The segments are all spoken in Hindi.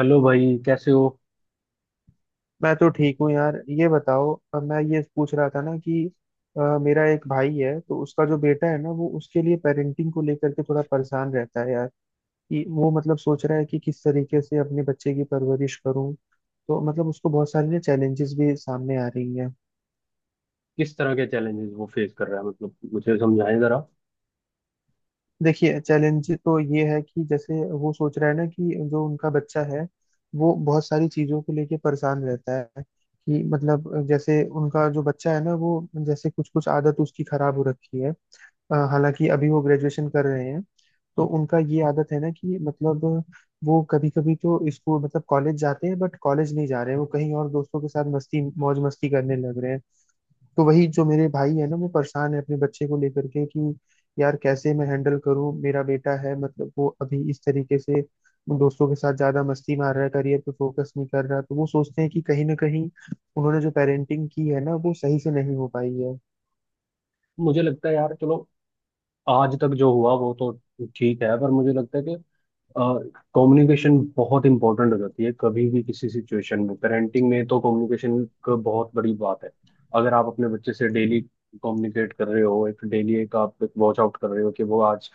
हेलो भाई, कैसे हो? मैं तो ठीक हूँ यार। ये बताओ मैं ये पूछ रहा था ना कि मेरा एक भाई है, तो उसका जो बेटा है ना, वो उसके लिए पेरेंटिंग को लेकर के थोड़ा परेशान रहता है यार। कि वो मतलब सोच रहा है कि किस तरीके से अपने बच्चे की परवरिश करूँ। तो मतलब उसको बहुत सारी ना चैलेंजेस भी सामने आ रही हैं। किस तरह के चैलेंजेस वो फेस कर रहा है? मतलब मुझे समझाएं जरा। देखिए, चैलेंज तो ये है कि जैसे वो सोच रहा है ना कि जो उनका बच्चा है वो बहुत सारी चीज़ों को लेके परेशान रहता है। कि मतलब जैसे उनका जो बच्चा है ना, वो जैसे कुछ कुछ आदत उसकी खराब हो रखी है। हालांकि अभी वो ग्रेजुएशन कर रहे हैं। तो उनका ये आदत है ना कि मतलब वो कभी कभी तो स्कूल मतलब कॉलेज जाते हैं, बट कॉलेज नहीं जा रहे हैं, वो कहीं और दोस्तों के साथ मस्ती मौज मस्ती करने लग रहे हैं। तो वही जो मेरे भाई है ना, वो परेशान है अपने बच्चे को लेकर के कि यार कैसे मैं हैंडल करूं, मेरा बेटा है, मतलब वो अभी इस तरीके से दोस्तों के साथ ज्यादा मस्ती मार रहा है, करियर पे फोकस नहीं कर रहा। तो वो सोचते हैं कि कहीं ना कहीं उन्होंने जो पेरेंटिंग की है ना, वो सही से नहीं हो पाई है। मुझे लगता है यार, चलो आज तक जो हुआ वो तो ठीक है, पर मुझे लगता है कि कम्युनिकेशन बहुत इंपॉर्टेंट हो जाती है। कभी भी किसी सिचुएशन में पेरेंटिंग में तो कम्युनिकेशन का बहुत बड़ी बात है। अगर आप अपने बच्चे से डेली कम्युनिकेट कर रहे हो, एक डेली एक आप एक वॉच आउट कर रहे हो कि वो आज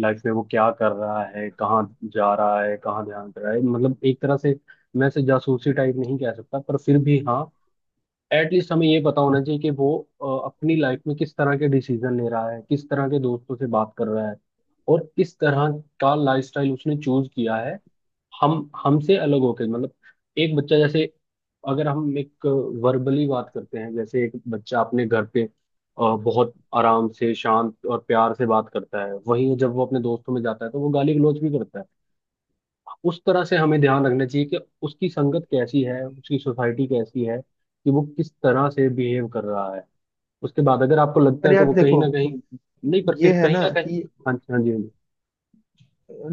लाइफ में वो क्या कर रहा है, कहाँ जा रहा है, कहाँ ध्यान दे रहा है, मतलब एक तरह से मैं इसे जासूसी टाइप नहीं कह सकता पर फिर भी, हाँ, एटलीस्ट हमें ये पता होना चाहिए कि वो अपनी लाइफ में किस तरह के डिसीजन ले रहा है, किस तरह के दोस्तों से बात कर रहा है, और किस तरह का लाइफस्टाइल उसने चूज किया है। हम हमसे अलग होके, मतलब एक बच्चा जैसे, अगर हम एक वर्बली बात करते हैं, जैसे एक बच्चा अपने घर पे बहुत आराम से शांत और प्यार से बात करता है, वहीं जब वो अपने दोस्तों में जाता है तो वो गाली गलौज भी करता है। उस तरह से हमें ध्यान रखना चाहिए कि उसकी संगत कैसी है, उसकी सोसाइटी कैसी है, कि वो किस तरह से बिहेव कर रहा है। उसके बाद अगर आपको लगता पर है कि यार वो कहीं देखो, ना कहीं, नहीं, पर ये फिर है कहीं ना ना कहीं। कि हाँ जी, हाँ जी, हाँ जी।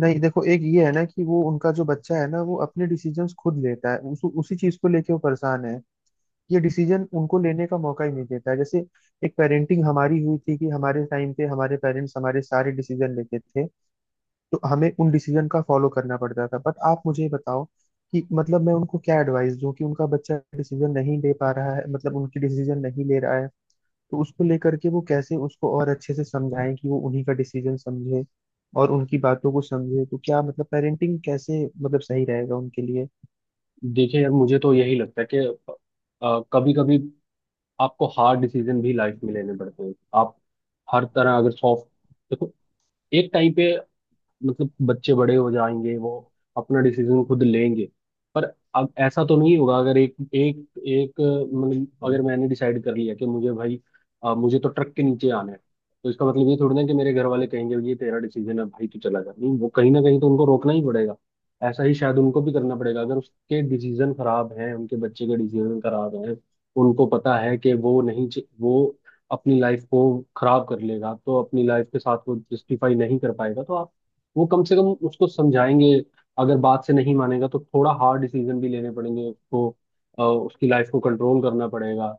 नहीं, देखो, एक ये है ना कि वो उनका जो बच्चा है ना, वो अपने डिसीजंस खुद लेता है। उसी चीज को लेके वो परेशान है। ये डिसीजन उनको लेने का मौका ही नहीं देता है। जैसे एक पेरेंटिंग हमारी हुई थी कि हमारे टाइम पे हमारे पेरेंट्स हमारे सारे डिसीजन लेते थे, तो हमें उन डिसीजन का फॉलो करना पड़ता था। बट आप मुझे बताओ कि मतलब मैं उनको क्या एडवाइस दूं कि उनका बच्चा डिसीजन नहीं ले पा रहा है, मतलब उनकी डिसीजन नहीं ले रहा है। तो उसको लेकर के वो कैसे उसको और अच्छे से समझाएं कि वो उन्हीं का डिसीजन समझे और उनकी बातों को समझे। तो क्या मतलब पेरेंटिंग कैसे मतलब सही रहेगा उनके लिए। देखिए यार, मुझे तो यही लगता है कि कभी कभी आपको हार्ड डिसीजन भी लाइफ में लेने पड़ते हैं। आप हर तरह अगर सॉफ्ट, देखो, एक टाइम पे मतलब बच्चे बड़े हो जाएंगे, वो अपना डिसीजन खुद लेंगे। पर अब ऐसा तो नहीं होगा, अगर एक एक एक मतलब अगर मैंने डिसाइड कर लिया कि मुझे भाई मुझे तो ट्रक के नीचे आना है, तो इसका मतलब ये थोड़ी ना कि मेरे घर वाले कहेंगे ये तेरा डिसीजन है भाई तू चला जा। नहीं, वो कहीं ना कहीं तो उनको रोकना ही पड़ेगा। ऐसा ही शायद उनको भी करना पड़ेगा। अगर उसके डिसीजन खराब हैं, उनके बच्चे के डिसीजन खराब हैं, उनको पता है कि वो नहीं वो अपनी लाइफ को खराब कर लेगा, तो अपनी लाइफ के साथ वो जस्टिफाई नहीं कर पाएगा, तो वो कम से कम उसको समझाएंगे। अगर बात से नहीं मानेगा तो थोड़ा हार्ड डिसीजन भी लेने पड़ेंगे उसको, उसकी लाइफ को कंट्रोल करना पड़ेगा।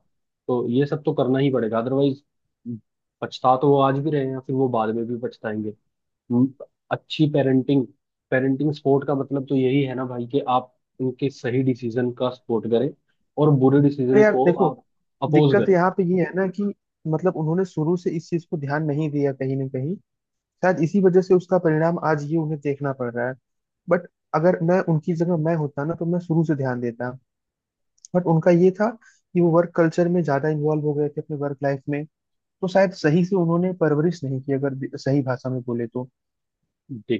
तो ये सब तो करना ही पड़ेगा, अदरवाइज पछता तो वो आज भी रहे हैं, फिर वो बाद में भी पछताएंगे। हम्म, अच्छी पेरेंटिंग पेरेंटिंग सपोर्ट का मतलब तो यही है ना भाई, कि आप उनके सही डिसीजन का सपोर्ट करें, और बुरे और डिसीजन यार को देखो, आप अपोज दिक्कत करें। यहाँ पे ये है ना कि मतलब उन्होंने शुरू से इस चीज को ध्यान नहीं दिया कहीं ना कहीं, शायद इसी वजह से उसका परिणाम आज ये उन्हें देखना पड़ रहा है। बट अगर मैं उनकी जगह मैं होता ना, तो मैं शुरू से ध्यान देता। बट उनका ये था कि वो वर्क कल्चर में ज्यादा इन्वॉल्व हो गए थे अपने वर्क लाइफ में। तो शायद सही से उन्होंने परवरिश नहीं की, अगर सही भाषा में बोले तो।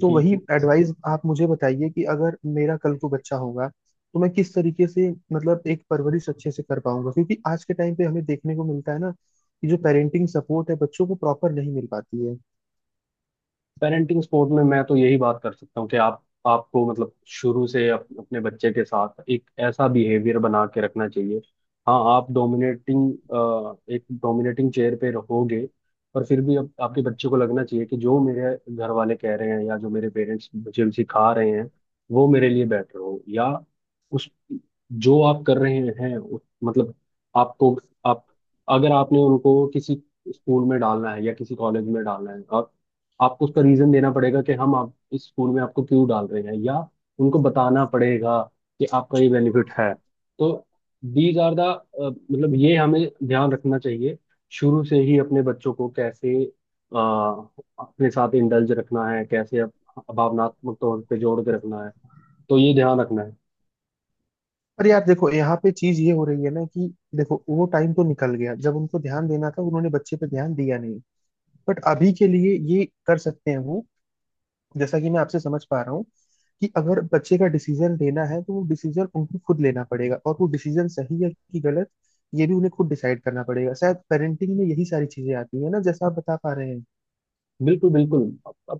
तो वही एडवाइस आप मुझे बताइए कि अगर मेरा कल को बच्चा होगा तो मैं किस तरीके से मतलब एक परवरिश अच्छे से कर पाऊंगा। क्योंकि आज के टाइम पे हमें देखने को मिलता है ना कि जो पेरेंटिंग सपोर्ट है बच्चों को प्रॉपर नहीं मिल पाती है। पेरेंटिंग सपोर्ट में मैं तो यही बात कर सकता हूँ कि आप आपको मतलब शुरू से अपने बच्चे के साथ एक ऐसा बिहेवियर बना के रखना चाहिए। हाँ, आप डोमिनेटिंग एक डोमिनेटिंग चेयर पे रहोगे, पर फिर भी अब आपके बच्चे को लगना चाहिए कि जो मेरे घर वाले कह रहे हैं या जो मेरे पेरेंट्स मुझे सिखा रहे हैं वो मेरे लिए बेटर हो, या उस जो आप कर रहे हैं मतलब आपको, आप अगर आपने उनको किसी स्कूल में डालना है या किसी कॉलेज में डालना है, आपको उसका रीजन देना पड़ेगा कि हम आप इस स्कूल में आपको क्यों डाल रहे हैं, या उनको बताना पड़ेगा कि आपका ये बेनिफिट है। तो दीज आर द मतलब ये हमें ध्यान रखना चाहिए शुरू से ही, अपने बच्चों को कैसे अपने साथ इंडल्ज रखना है, कैसे भावनात्मक तौर पे जोड़ के रखना है। तो ये ध्यान रखना है। पर यार देखो, यहाँ पे चीज ये हो रही है ना कि देखो, वो टाइम तो निकल गया जब उनको ध्यान देना था, उन्होंने बच्चे पे ध्यान दिया नहीं। बट अभी के लिए ये कर सकते हैं वो, जैसा कि मैं आपसे समझ पा रहा हूँ, कि अगर बच्चे का डिसीजन लेना है तो वो डिसीजन उनको खुद लेना पड़ेगा, और वो डिसीजन सही है कि गलत ये भी उन्हें खुद डिसाइड करना पड़ेगा। शायद पेरेंटिंग में यही सारी चीजें आती है ना, जैसा आप बता पा रहे हैं। बिल्कुल, बिल्कुल।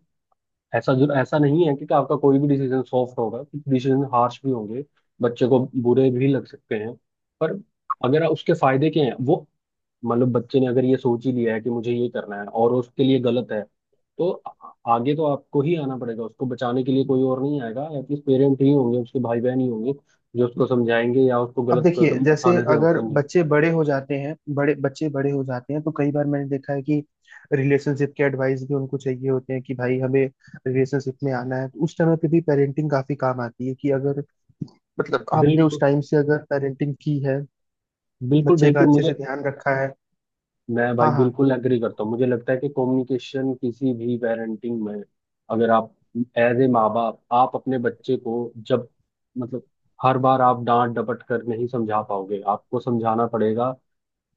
ऐसा नहीं है कि आपका कोई भी डिसीजन सॉफ्ट होगा, कुछ डिसीजन हार्श भी होंगे, बच्चे को बुरे भी लग सकते हैं। पर अगर उसके फायदे क्या हैं वो, मतलब बच्चे ने अगर ये सोच ही लिया है कि मुझे ये करना है, और उसके लिए गलत है, तो आगे तो आपको ही आना पड़ेगा उसको बचाने के लिए। कोई और नहीं आएगा, एटलीस्ट पेरेंट ही होंगे, उसके भाई बहन ही होंगे जो उसको समझाएंगे या उसको अब गलत देखिए, कदम जैसे उठाने से अगर रोकेंगे। बच्चे बड़े हो जाते हैं, बड़े बच्चे बड़े हो जाते हैं, तो कई बार मैंने देखा है कि रिलेशनशिप के एडवाइस भी उनको चाहिए होते हैं, कि भाई हमें रिलेशनशिप में आना है। तो उस समय पे भी पेरेंटिंग काफी काम आती है, कि अगर मतलब आपने उस बिल्कुल, टाइम से अगर पेरेंटिंग की है, बिल्कुल, बच्चे का बिल्कुल। अच्छे से मुझे ध्यान रखा है। मैं भाई हाँ हाँ। बिल्कुल एग्री करता हूँ। मुझे लगता है कि कम्युनिकेशन किसी भी पेरेंटिंग में, अगर आप एज ए माँ बाप आप अपने बच्चे को, जब, मतलब हर बार आप डांट डपट कर नहीं समझा पाओगे, आपको समझाना पड़ेगा,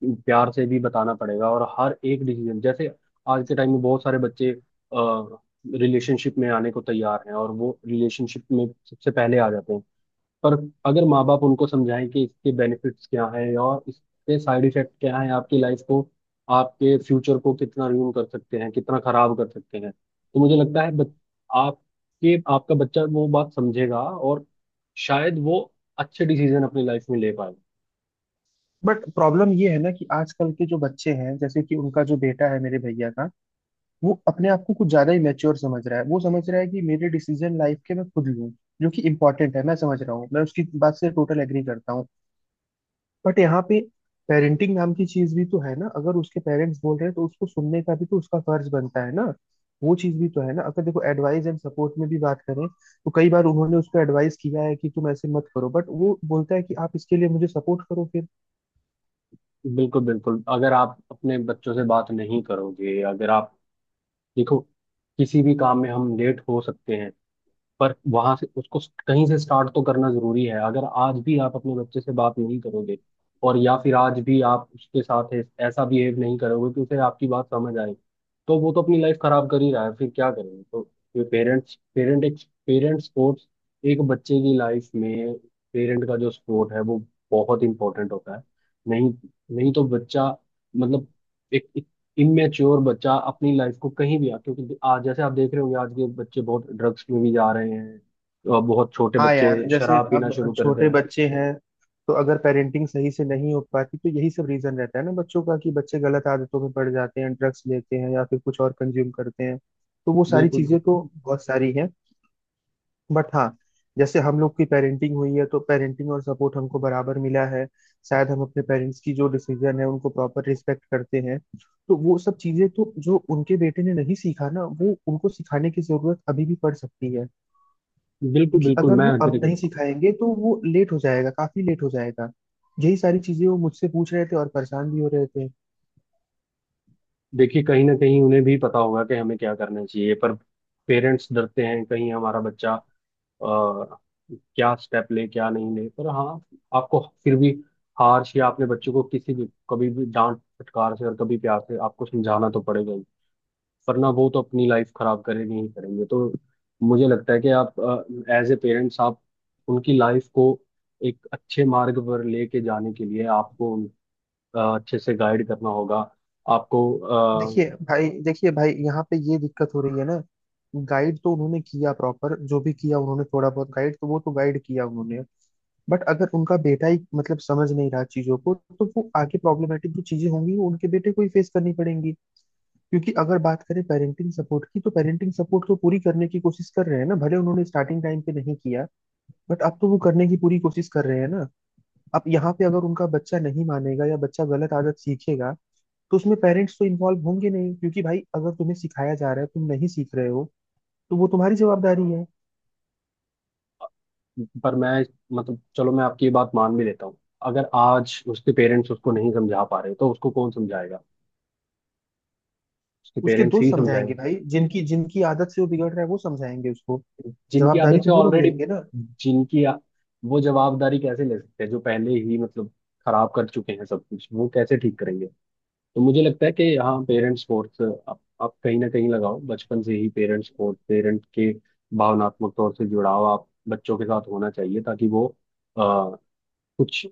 प्यार से भी बताना पड़ेगा, और हर एक डिसीजन जैसे, आज के टाइम में बहुत सारे बच्चे रिलेशनशिप में आने को तैयार हैं, और वो रिलेशनशिप में सबसे पहले आ जाते हैं। पर अगर माँ बाप उनको समझाएं कि इसके बेनिफिट्स क्या हैं और इसके साइड इफेक्ट क्या हैं, आपकी लाइफ को, आपके फ्यूचर को कितना रूइन कर सकते हैं, कितना खराब कर सकते हैं, तो मुझे लगता है आपके आपका बच्चा वो बात समझेगा, और शायद वो अच्छे डिसीजन अपनी लाइफ में ले पाएगा। बट प्रॉब्लम ये है ना कि आजकल के जो बच्चे हैं, जैसे कि उनका जो बेटा है मेरे भैया का, वो अपने आप को कुछ ज्यादा ही मैच्योर समझ रहा है। वो समझ रहा है कि मेरे डिसीजन लाइफ के मैं खुद लूँ, जो कि इम्पोर्टेंट है, मैं समझ रहा हूँ, मैं उसकी बात से टोटल एग्री करता हूँ। बट यहाँ पे पेरेंटिंग नाम की चीज भी तो है ना, अगर उसके पेरेंट्स बोल रहे हैं तो उसको सुनने का भी तो उसका फर्ज बनता है ना। वो चीज भी तो है ना, अगर देखो एडवाइस एंड सपोर्ट में भी बात करें तो कई बार उन्होंने उसको एडवाइस किया है कि तुम ऐसे मत करो, बट वो बोलता है कि आप इसके लिए मुझे सपोर्ट करो फिर। बिल्कुल, बिल्कुल। अगर आप अपने बच्चों से बात नहीं करोगे, अगर आप, देखो, किसी भी काम में हम लेट हो सकते हैं, पर वहां से उसको कहीं से स्टार्ट तो करना जरूरी है। अगर आज भी आप अपने बच्चे से बात नहीं करोगे, और या फिर आज भी आप उसके साथ ऐसा बिहेव नहीं करोगे कि उसे आपकी बात समझ आए, तो वो तो अपनी लाइफ खराब कर ही रहा है, फिर क्या करेंगे? तो ये पेरेंट्स पेरेंट एक पेरेंट सपोर्ट, एक बच्चे की लाइफ में पेरेंट का जो सपोर्ट है वो बहुत इंपॉर्टेंट होता है। नहीं, नहीं तो बच्चा, मतलब एक इमेच्योर बच्चा अपनी लाइफ को कहीं भी आ, क्योंकि आज जैसे आप देख रहे होंगे, आज के बच्चे बहुत ड्रग्स में भी जा रहे हैं, और बहुत छोटे हाँ यार, बच्चे जैसे शराब पीना अब शुरू करते छोटे हैं। बच्चे हैं, तो अगर पेरेंटिंग सही से नहीं हो पाती तो यही सब रीजन रहता है ना बच्चों का, कि बच्चे गलत आदतों में पड़ जाते हैं, ड्रग्स लेते हैं या फिर कुछ और कंज्यूम करते हैं। तो वो सारी बिल्कुल, चीजें बिल्कुल। तो बहुत सारी हैं। बट हाँ, जैसे हम लोग की पेरेंटिंग हुई है तो पेरेंटिंग और सपोर्ट हमको बराबर मिला है। शायद हम अपने पेरेंट्स की जो डिसीजन है उनको प्रॉपर रिस्पेक्ट करते हैं। तो वो सब चीजें तो जो उनके बेटे ने नहीं सीखा ना, वो उनको सिखाने की जरूरत अभी भी पड़ सकती है। बिल्कुल, क्योंकि बिल्कुल अगर वो मैं एग्री अब नहीं करता हूँ। सिखाएंगे तो वो लेट हो जाएगा, काफी लेट हो जाएगा। यही सारी चीजें वो मुझसे पूछ रहे थे और परेशान भी हो रहे थे। देखिए, कहीं ना कहीं उन्हें भी पता होगा कि हमें क्या करना चाहिए, पर पेरेंट्स डरते हैं कहीं हमारा बच्चा क्या स्टेप ले क्या नहीं ले। पर हाँ, आपको फिर भी, हार या अपने बच्चों को किसी भी, कभी भी डांट फटकार से और कभी प्यार से आपको समझाना तो पड़ेगा ही। वरना वो तो अपनी लाइफ खराब करेंगे ही करेंगे। तो मुझे लगता है कि आप एज ए पेरेंट्स, आप उनकी लाइफ को एक अच्छे मार्ग पर लेके जाने के लिए आपको अच्छे से गाइड करना होगा। आपको अ, देखिए भाई, यहाँ पे ये दिक्कत हो रही है ना, गाइड तो उन्होंने किया प्रॉपर, जो भी किया उन्होंने थोड़ा बहुत गाइड, तो वो तो गाइड किया उन्होंने। बट अगर उनका बेटा ही मतलब समझ नहीं रहा चीजों को, तो वो आगे प्रॉब्लमेटिक जो चीजें होंगी वो उनके बेटे को ही फेस करनी पड़ेंगी। क्योंकि अगर बात करें पेरेंटिंग सपोर्ट की, तो पेरेंटिंग सपोर्ट तो पूरी करने की कोशिश कर रहे हैं ना, भले उन्होंने स्टार्टिंग टाइम पे नहीं किया, बट आप तो वो करने की पूरी कोशिश कर रहे हैं ना। अब यहाँ पे अगर उनका बच्चा नहीं मानेगा या बच्चा गलत आदत सीखेगा, तो उसमें पेरेंट्स तो इन्वॉल्व होंगे नहीं, क्योंकि भाई अगर तुम्हें सिखाया जा रहा है तुम नहीं सीख रहे हो, तो वो तुम्हारी जवाबदारी है। पर मैं, मतलब चलो मैं आपकी ये बात मान भी लेता हूँ। अगर आज उसके पेरेंट्स उसको नहीं समझा पा रहे तो उसको कौन समझाएगा? उसके उसके पेरेंट्स दोस्त ही समझाएंगे समझाएंगे। भाई, जिनकी जिनकी आदत से वो बिगड़ रहा है वो समझाएंगे उसको, जिनकी आदत जवाबदारी तो से वो लोग ऑलरेडी, लेंगे ना। जिनकी वो जवाबदारी कैसे ले सकते हैं जो पहले ही, मतलब खराब कर चुके हैं सब कुछ, वो कैसे ठीक करेंगे? तो मुझे लगता है कि यहाँ पेरेंट्स स्पोर्ट्स आप कहीं ना कहीं लगाओ बचपन से ही, पेरेंट्स स्पोर्ट्स, पेरेंट के भावनात्मक तौर से जुड़ाव आप बच्चों के साथ होना चाहिए, ताकि वो आ, कुछ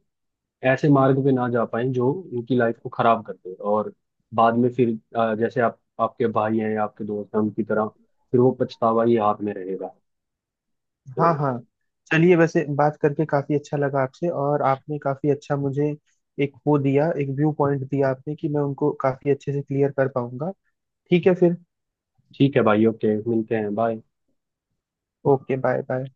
ऐसे मार्ग पे ना जा पाए जो उनकी लाइफ को खराब कर दे, और बाद में फिर, जैसे आप आपके भाई हैं या आपके दोस्त हैं उनकी तरह, फिर वो पछतावा ही हाथ में रहेगा। तो हाँ हाँ। चलिए, वैसे बात करके काफी अच्छा लगा आपसे, और आपने काफी अच्छा मुझे एक वो दिया, एक व्यू पॉइंट दिया आपने, कि मैं उनको काफी अच्छे से क्लियर कर पाऊंगा। ठीक है फिर, ठीक है भाई, ओके, मिलते हैं, बाय। Okay, bye bye.